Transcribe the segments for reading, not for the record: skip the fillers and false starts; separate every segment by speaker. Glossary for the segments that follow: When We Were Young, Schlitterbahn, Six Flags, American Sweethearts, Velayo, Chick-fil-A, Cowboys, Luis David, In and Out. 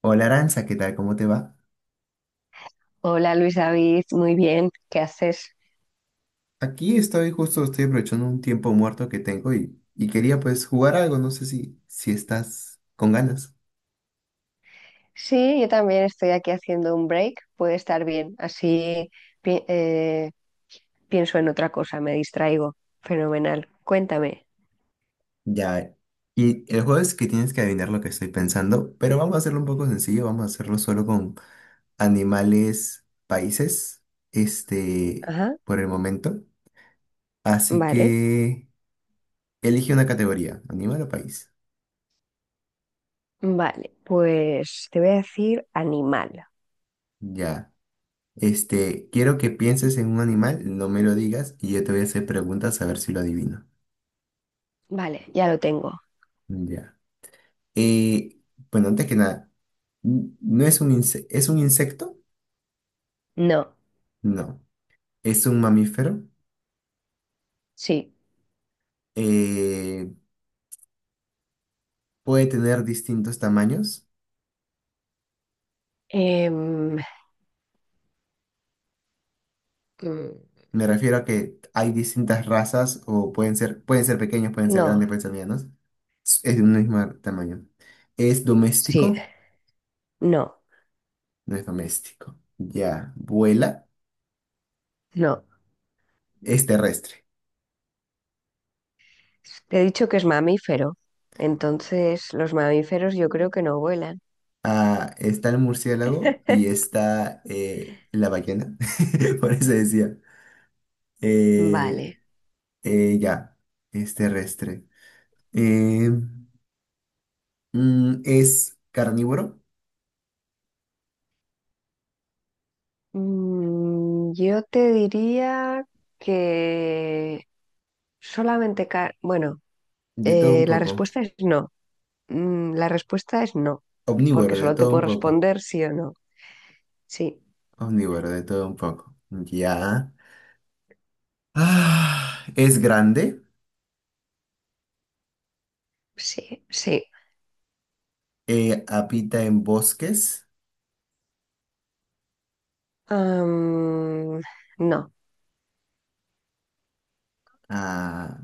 Speaker 1: Hola Aranza, ¿qué tal? ¿Cómo te va?
Speaker 2: Hola Luis David, muy bien, ¿qué haces?
Speaker 1: Aquí estoy justo, estoy aprovechando un tiempo muerto que tengo y quería pues jugar algo, no sé si estás con ganas.
Speaker 2: Sí, yo también estoy aquí haciendo un break, puede estar bien, así pi- eh, pienso en otra cosa, me distraigo. Fenomenal, cuéntame.
Speaker 1: Ya, y el juego es que tienes que adivinar lo que estoy pensando, pero vamos a hacerlo un poco sencillo, vamos a hacerlo solo con animales, países, este,
Speaker 2: Ajá,
Speaker 1: por el momento. Así
Speaker 2: vale,
Speaker 1: que elige una categoría, animal o país.
Speaker 2: vale, pues te voy a decir animal.
Speaker 1: Ya. Quiero que pienses en un animal, no me lo digas y yo te voy a hacer preguntas a ver si lo adivino.
Speaker 2: Vale, ya lo tengo.
Speaker 1: Ya. Eh, bueno, antes que nada, ¿no es un es un insecto?
Speaker 2: No,
Speaker 1: No. ¿Es un mamífero?
Speaker 2: sí.
Speaker 1: Eh, ¿Puede tener distintos tamaños?
Speaker 2: Mm,
Speaker 1: Me refiero a que hay distintas razas o pueden ser pequeños, pueden ser
Speaker 2: no,
Speaker 1: grandes, pueden ser medianos. Es de un mismo tamaño. ¿Es
Speaker 2: sí,
Speaker 1: doméstico?
Speaker 2: no,
Speaker 1: No es doméstico. Ya. ¿Vuela?
Speaker 2: no.
Speaker 1: Es terrestre.
Speaker 2: Te he dicho que es mamífero, entonces los mamíferos yo creo que no vuelan.
Speaker 1: Ah, está el murciélago y está la ballena. Por eso decía. Eh,
Speaker 2: Vale.
Speaker 1: Ya, es terrestre. Eh, es carnívoro,
Speaker 2: Yo te diría que solamente, bueno,
Speaker 1: de todo un
Speaker 2: la
Speaker 1: poco.
Speaker 2: respuesta es no. La respuesta es no, porque
Speaker 1: Omnívoro, de
Speaker 2: solo te
Speaker 1: todo
Speaker 2: puedo
Speaker 1: un poco.
Speaker 2: responder sí o no. Sí,
Speaker 1: Omnívoro, de todo un poco. Ya. Ah, es grande.
Speaker 2: sí, sí.
Speaker 1: Eh, habita en bosques.
Speaker 2: Am, no,
Speaker 1: Ah,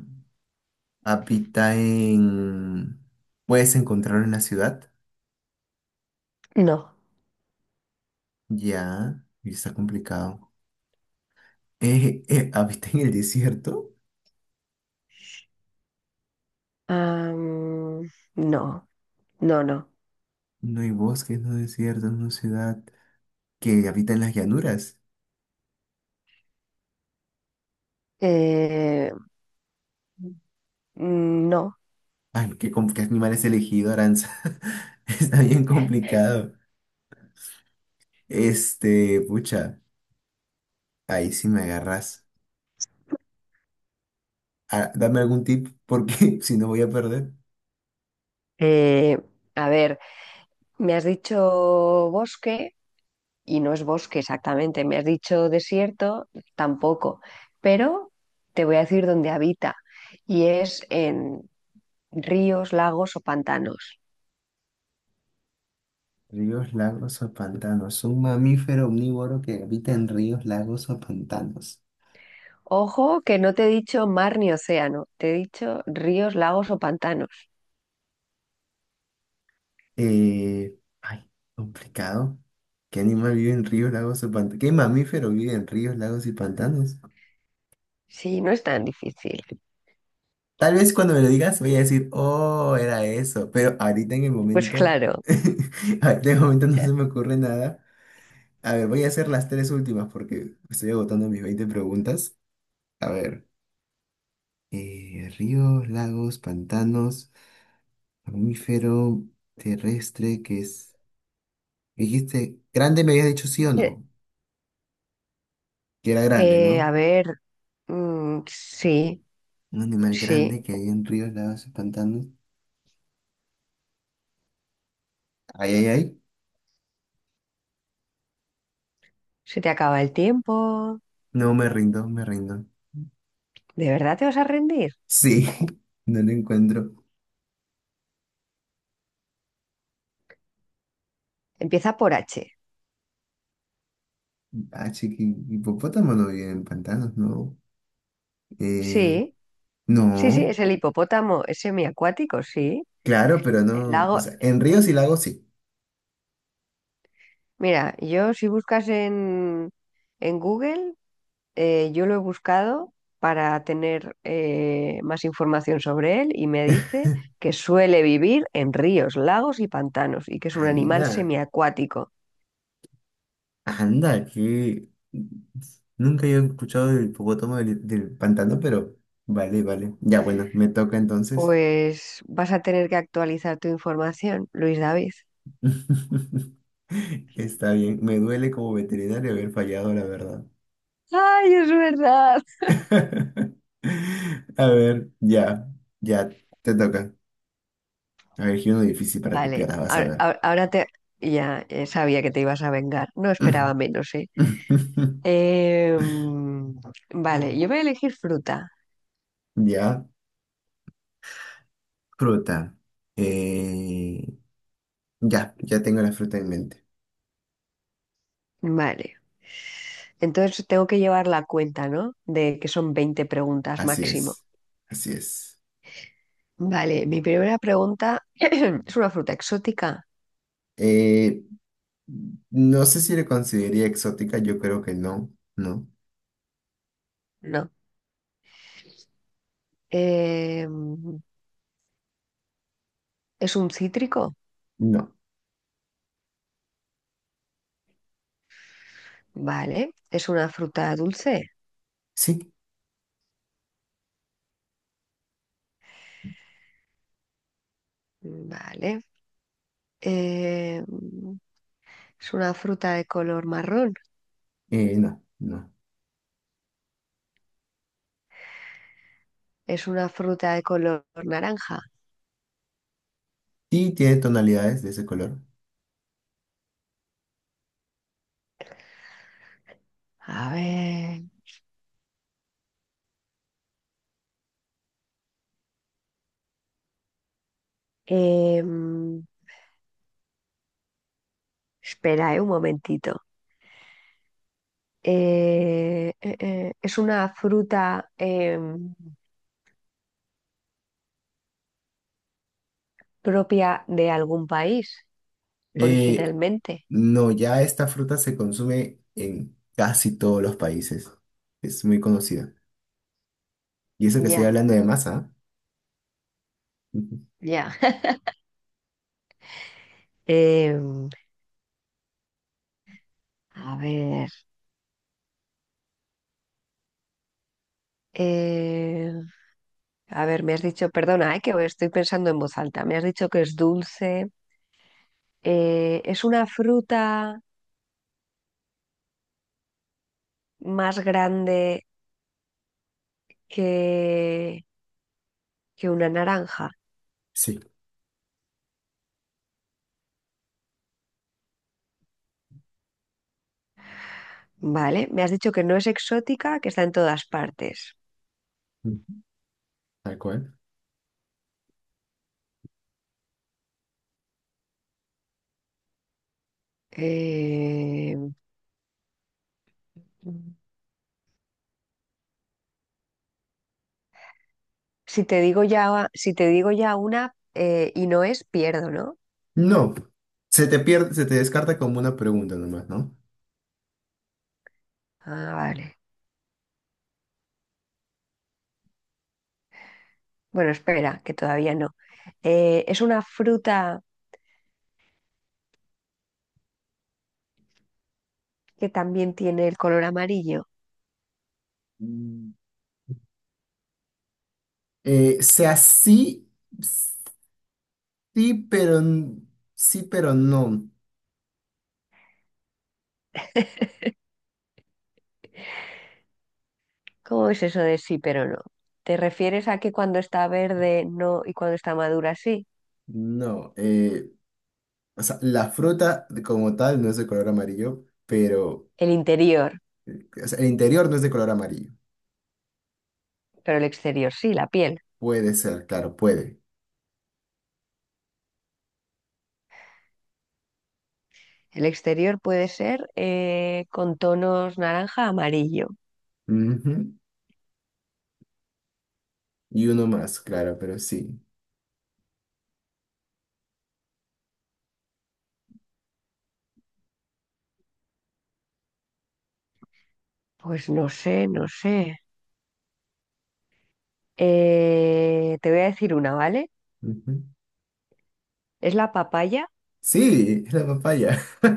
Speaker 1: habita en... Puedes encontrarlo en la ciudad.
Speaker 2: no.
Speaker 1: Ya. Y está complicado. Habita en el desierto.
Speaker 2: Am, no, no, no.
Speaker 1: No hay bosques, no desierto, no ciudad. Que habita en las llanuras.
Speaker 2: Eh, no.
Speaker 1: Ay, ¿qué, qué animal es elegido, Aranza? Está bien complicado. Pucha, ahí sí me agarras. Ah, dame algún tip, porque si no voy a perder.
Speaker 2: Eh, a ver, me has dicho bosque, y no es bosque exactamente. Me has dicho desierto, tampoco, pero te voy a decir dónde habita y es en ríos, lagos o pantanos.
Speaker 1: Ríos, lagos o pantanos. Un mamífero omnívoro que habita en ríos, lagos o pantanos.
Speaker 2: Ojo que no te he dicho mar ni océano, te he dicho ríos, lagos o pantanos.
Speaker 1: Ay, complicado. ¿Qué animal vive en ríos, lagos o pantanos? ¿Qué mamífero vive en ríos, lagos y pantanos?
Speaker 2: Sí, no es tan difícil.
Speaker 1: Tal vez cuando me lo digas voy a decir, oh, era eso, pero ahorita en el
Speaker 2: Pues
Speaker 1: momento,
Speaker 2: claro.
Speaker 1: ahorita en el momento no se me ocurre nada. A ver, voy a hacer las tres últimas porque estoy agotando mis 20 preguntas. A ver, ríos, lagos, pantanos, mamífero terrestre, que es... Dijiste, grande me habías dicho sí o
Speaker 2: Eh,
Speaker 1: no, que era grande, ¿no?
Speaker 2: a ver, sí,
Speaker 1: Un animal grande
Speaker 2: sí,
Speaker 1: que hay en ríos, lagos, pantanos. Ay, ay, ay.
Speaker 2: se te acaba el tiempo.
Speaker 1: No me rindo, me rindo.
Speaker 2: ¿De verdad te vas a rendir?
Speaker 1: Sí, no lo encuentro.
Speaker 2: Empieza por H.
Speaker 1: Ah, chiqui, hipopótamo no vive en pantanos, ¿no? Eh,
Speaker 2: Sí. Sí, sí,
Speaker 1: no,
Speaker 2: es el hipopótamo, es semiacuático, sí.
Speaker 1: claro, pero
Speaker 2: El
Speaker 1: no. O
Speaker 2: lago.
Speaker 1: sea, en ríos y lagos sí.
Speaker 2: Mira, yo si buscas en Google, yo lo he buscado para tener más información sobre él y me dice que suele vivir en ríos, lagos y pantanos y que es un animal
Speaker 1: Anda,
Speaker 2: semiacuático.
Speaker 1: anda, que. Nunca yo he escuchado del hipopótamo del pantano, pero vale, vale. Ya bueno, me toca entonces.
Speaker 2: Pues vas a tener que actualizar tu información, Luis David.
Speaker 1: Está bien, me duele como veterinario haber fallado, la verdad.
Speaker 2: ¡Ay, es verdad!
Speaker 1: A ver, ya, ya, te toca. A ver, elegí uno difícil para que
Speaker 2: Vale,
Speaker 1: pierdas, vas a ver.
Speaker 2: ahora te. Ya, sabía que te ibas a vengar. No esperaba menos, ¿eh? Eh, mm, vale, yo voy a elegir fruta.
Speaker 1: Ya, fruta. Eh, ya, ya tengo la fruta en mente.
Speaker 2: Vale. Entonces tengo que llevar la cuenta, ¿no? De que son 20 preguntas
Speaker 1: Así
Speaker 2: máximo.
Speaker 1: es, así es.
Speaker 2: Vale, mi primera pregunta, ¿es una fruta exótica?
Speaker 1: Eh, no sé si le consideraría exótica, yo creo que
Speaker 2: No. Eh, ¿Es un cítrico?
Speaker 1: no.
Speaker 2: Vale. ¿Es una fruta dulce?
Speaker 1: Sí,
Speaker 2: Vale. Eh, ¿Es una fruta de color marrón?
Speaker 1: no, no.
Speaker 2: ¿Es una fruta de color naranja?
Speaker 1: Sí, tiene tonalidades de ese color.
Speaker 2: A ver. eh, Espera, un momentito. ¿Es una fruta propia de algún país
Speaker 1: Eh,
Speaker 2: originalmente?
Speaker 1: no, ya esta fruta se consume en casi todos los países. Es muy conocida. Y eso que estoy
Speaker 2: Ya,
Speaker 1: hablando de masa. ¿Ah?
Speaker 2: ya. Eh, a ver, eh, a ver, me has dicho, perdona, que estoy pensando en voz alta, me has dicho que es dulce. ¿Es una fruta más grande que, que una naranja?
Speaker 1: Sí,
Speaker 2: Vale, me has dicho que no es exótica, que está en todas partes.
Speaker 1: tal cual.
Speaker 2: Eh, Si te digo ya, si te digo ya una y no es, pierdo, ¿no?
Speaker 1: No, se te pierde, se te descarta como una pregunta nomás, ¿no?
Speaker 2: Ah, vale. Bueno, espera, que todavía no. Es una fruta que también tiene el color amarillo.
Speaker 1: Mm, sea sí, sí, pero n- sí, pero no.
Speaker 2: ¿Cómo es eso de sí pero no? ¿Te refieres a que cuando está verde no y cuando está madura sí?
Speaker 1: No. O sea, la fruta como tal no es de color amarillo, pero
Speaker 2: El interior,
Speaker 1: o sea, el interior no es de color amarillo.
Speaker 2: pero el exterior sí, la piel.
Speaker 1: Puede ser, claro, puede.
Speaker 2: El exterior puede ser con tonos naranja amarillo.
Speaker 1: Ujú. Y uno más, claro, pero sí.
Speaker 2: Pues no sé, no sé. Te voy a decir una, ¿vale?
Speaker 1: Ujú.
Speaker 2: Es la papaya.
Speaker 1: Sí, es la papaya.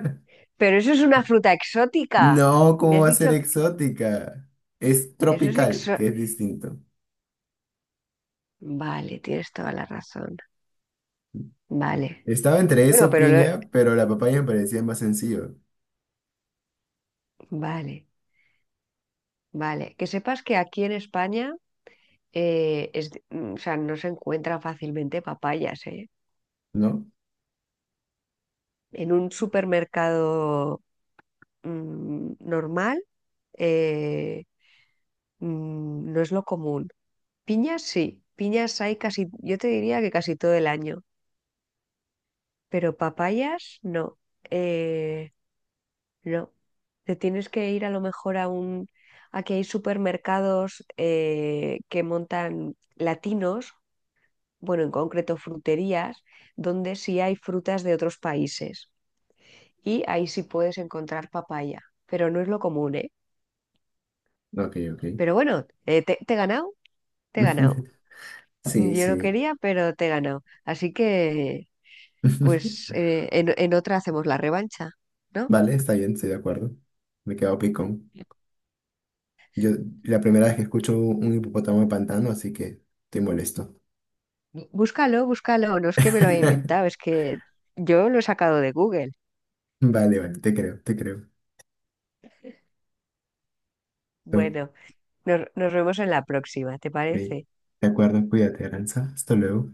Speaker 2: Pero eso es una fruta exótica.
Speaker 1: No,
Speaker 2: Me
Speaker 1: ¿cómo
Speaker 2: has
Speaker 1: va a ser
Speaker 2: dicho que
Speaker 1: exótica? Es
Speaker 2: eso es
Speaker 1: tropical,
Speaker 2: exo...
Speaker 1: que es distinto.
Speaker 2: Vale, tienes toda la razón. Vale.
Speaker 1: Estaba entre
Speaker 2: Bueno,
Speaker 1: eso, piña, pero la papaya me parecía más sencillo,
Speaker 2: Vale, vale. Que sepas que aquí en España o sea, no se encuentran fácilmente papayas, ¿eh?
Speaker 1: ¿no?
Speaker 2: En un supermercado normal, eh, no es lo común. Piñas sí. Piñas hay casi, yo te diría que casi todo el año, pero papayas no. Eh, No, te tienes que ir a lo mejor a un. Aquí hay supermercados que montan latinos, bueno, en concreto fruterías, donde sí hay frutas de otros países. Y ahí sí puedes encontrar papaya, pero no es lo común, ¿eh?
Speaker 1: Ok, ok.
Speaker 2: Pero bueno, te he ganado, te he ganado.
Speaker 1: Sí,
Speaker 2: Yo no
Speaker 1: sí.
Speaker 2: quería, pero te he ganado. Así que, pues, en otra hacemos la revancha, ¿no?
Speaker 1: Vale, está bien, estoy de acuerdo. Me he quedado picón. Yo, la primera vez que escucho un hipopótamo de pantano, así que estoy molesto.
Speaker 2: Búscalo, búscalo, no es que me lo haya inventado, es que yo lo he sacado de Google.
Speaker 1: Vale, vale, te creo, te creo. Ok,
Speaker 2: Bueno, nos vemos en la próxima, ¿te
Speaker 1: de
Speaker 2: parece?
Speaker 1: acuerdo, cuídate, Aranza. Hasta luego.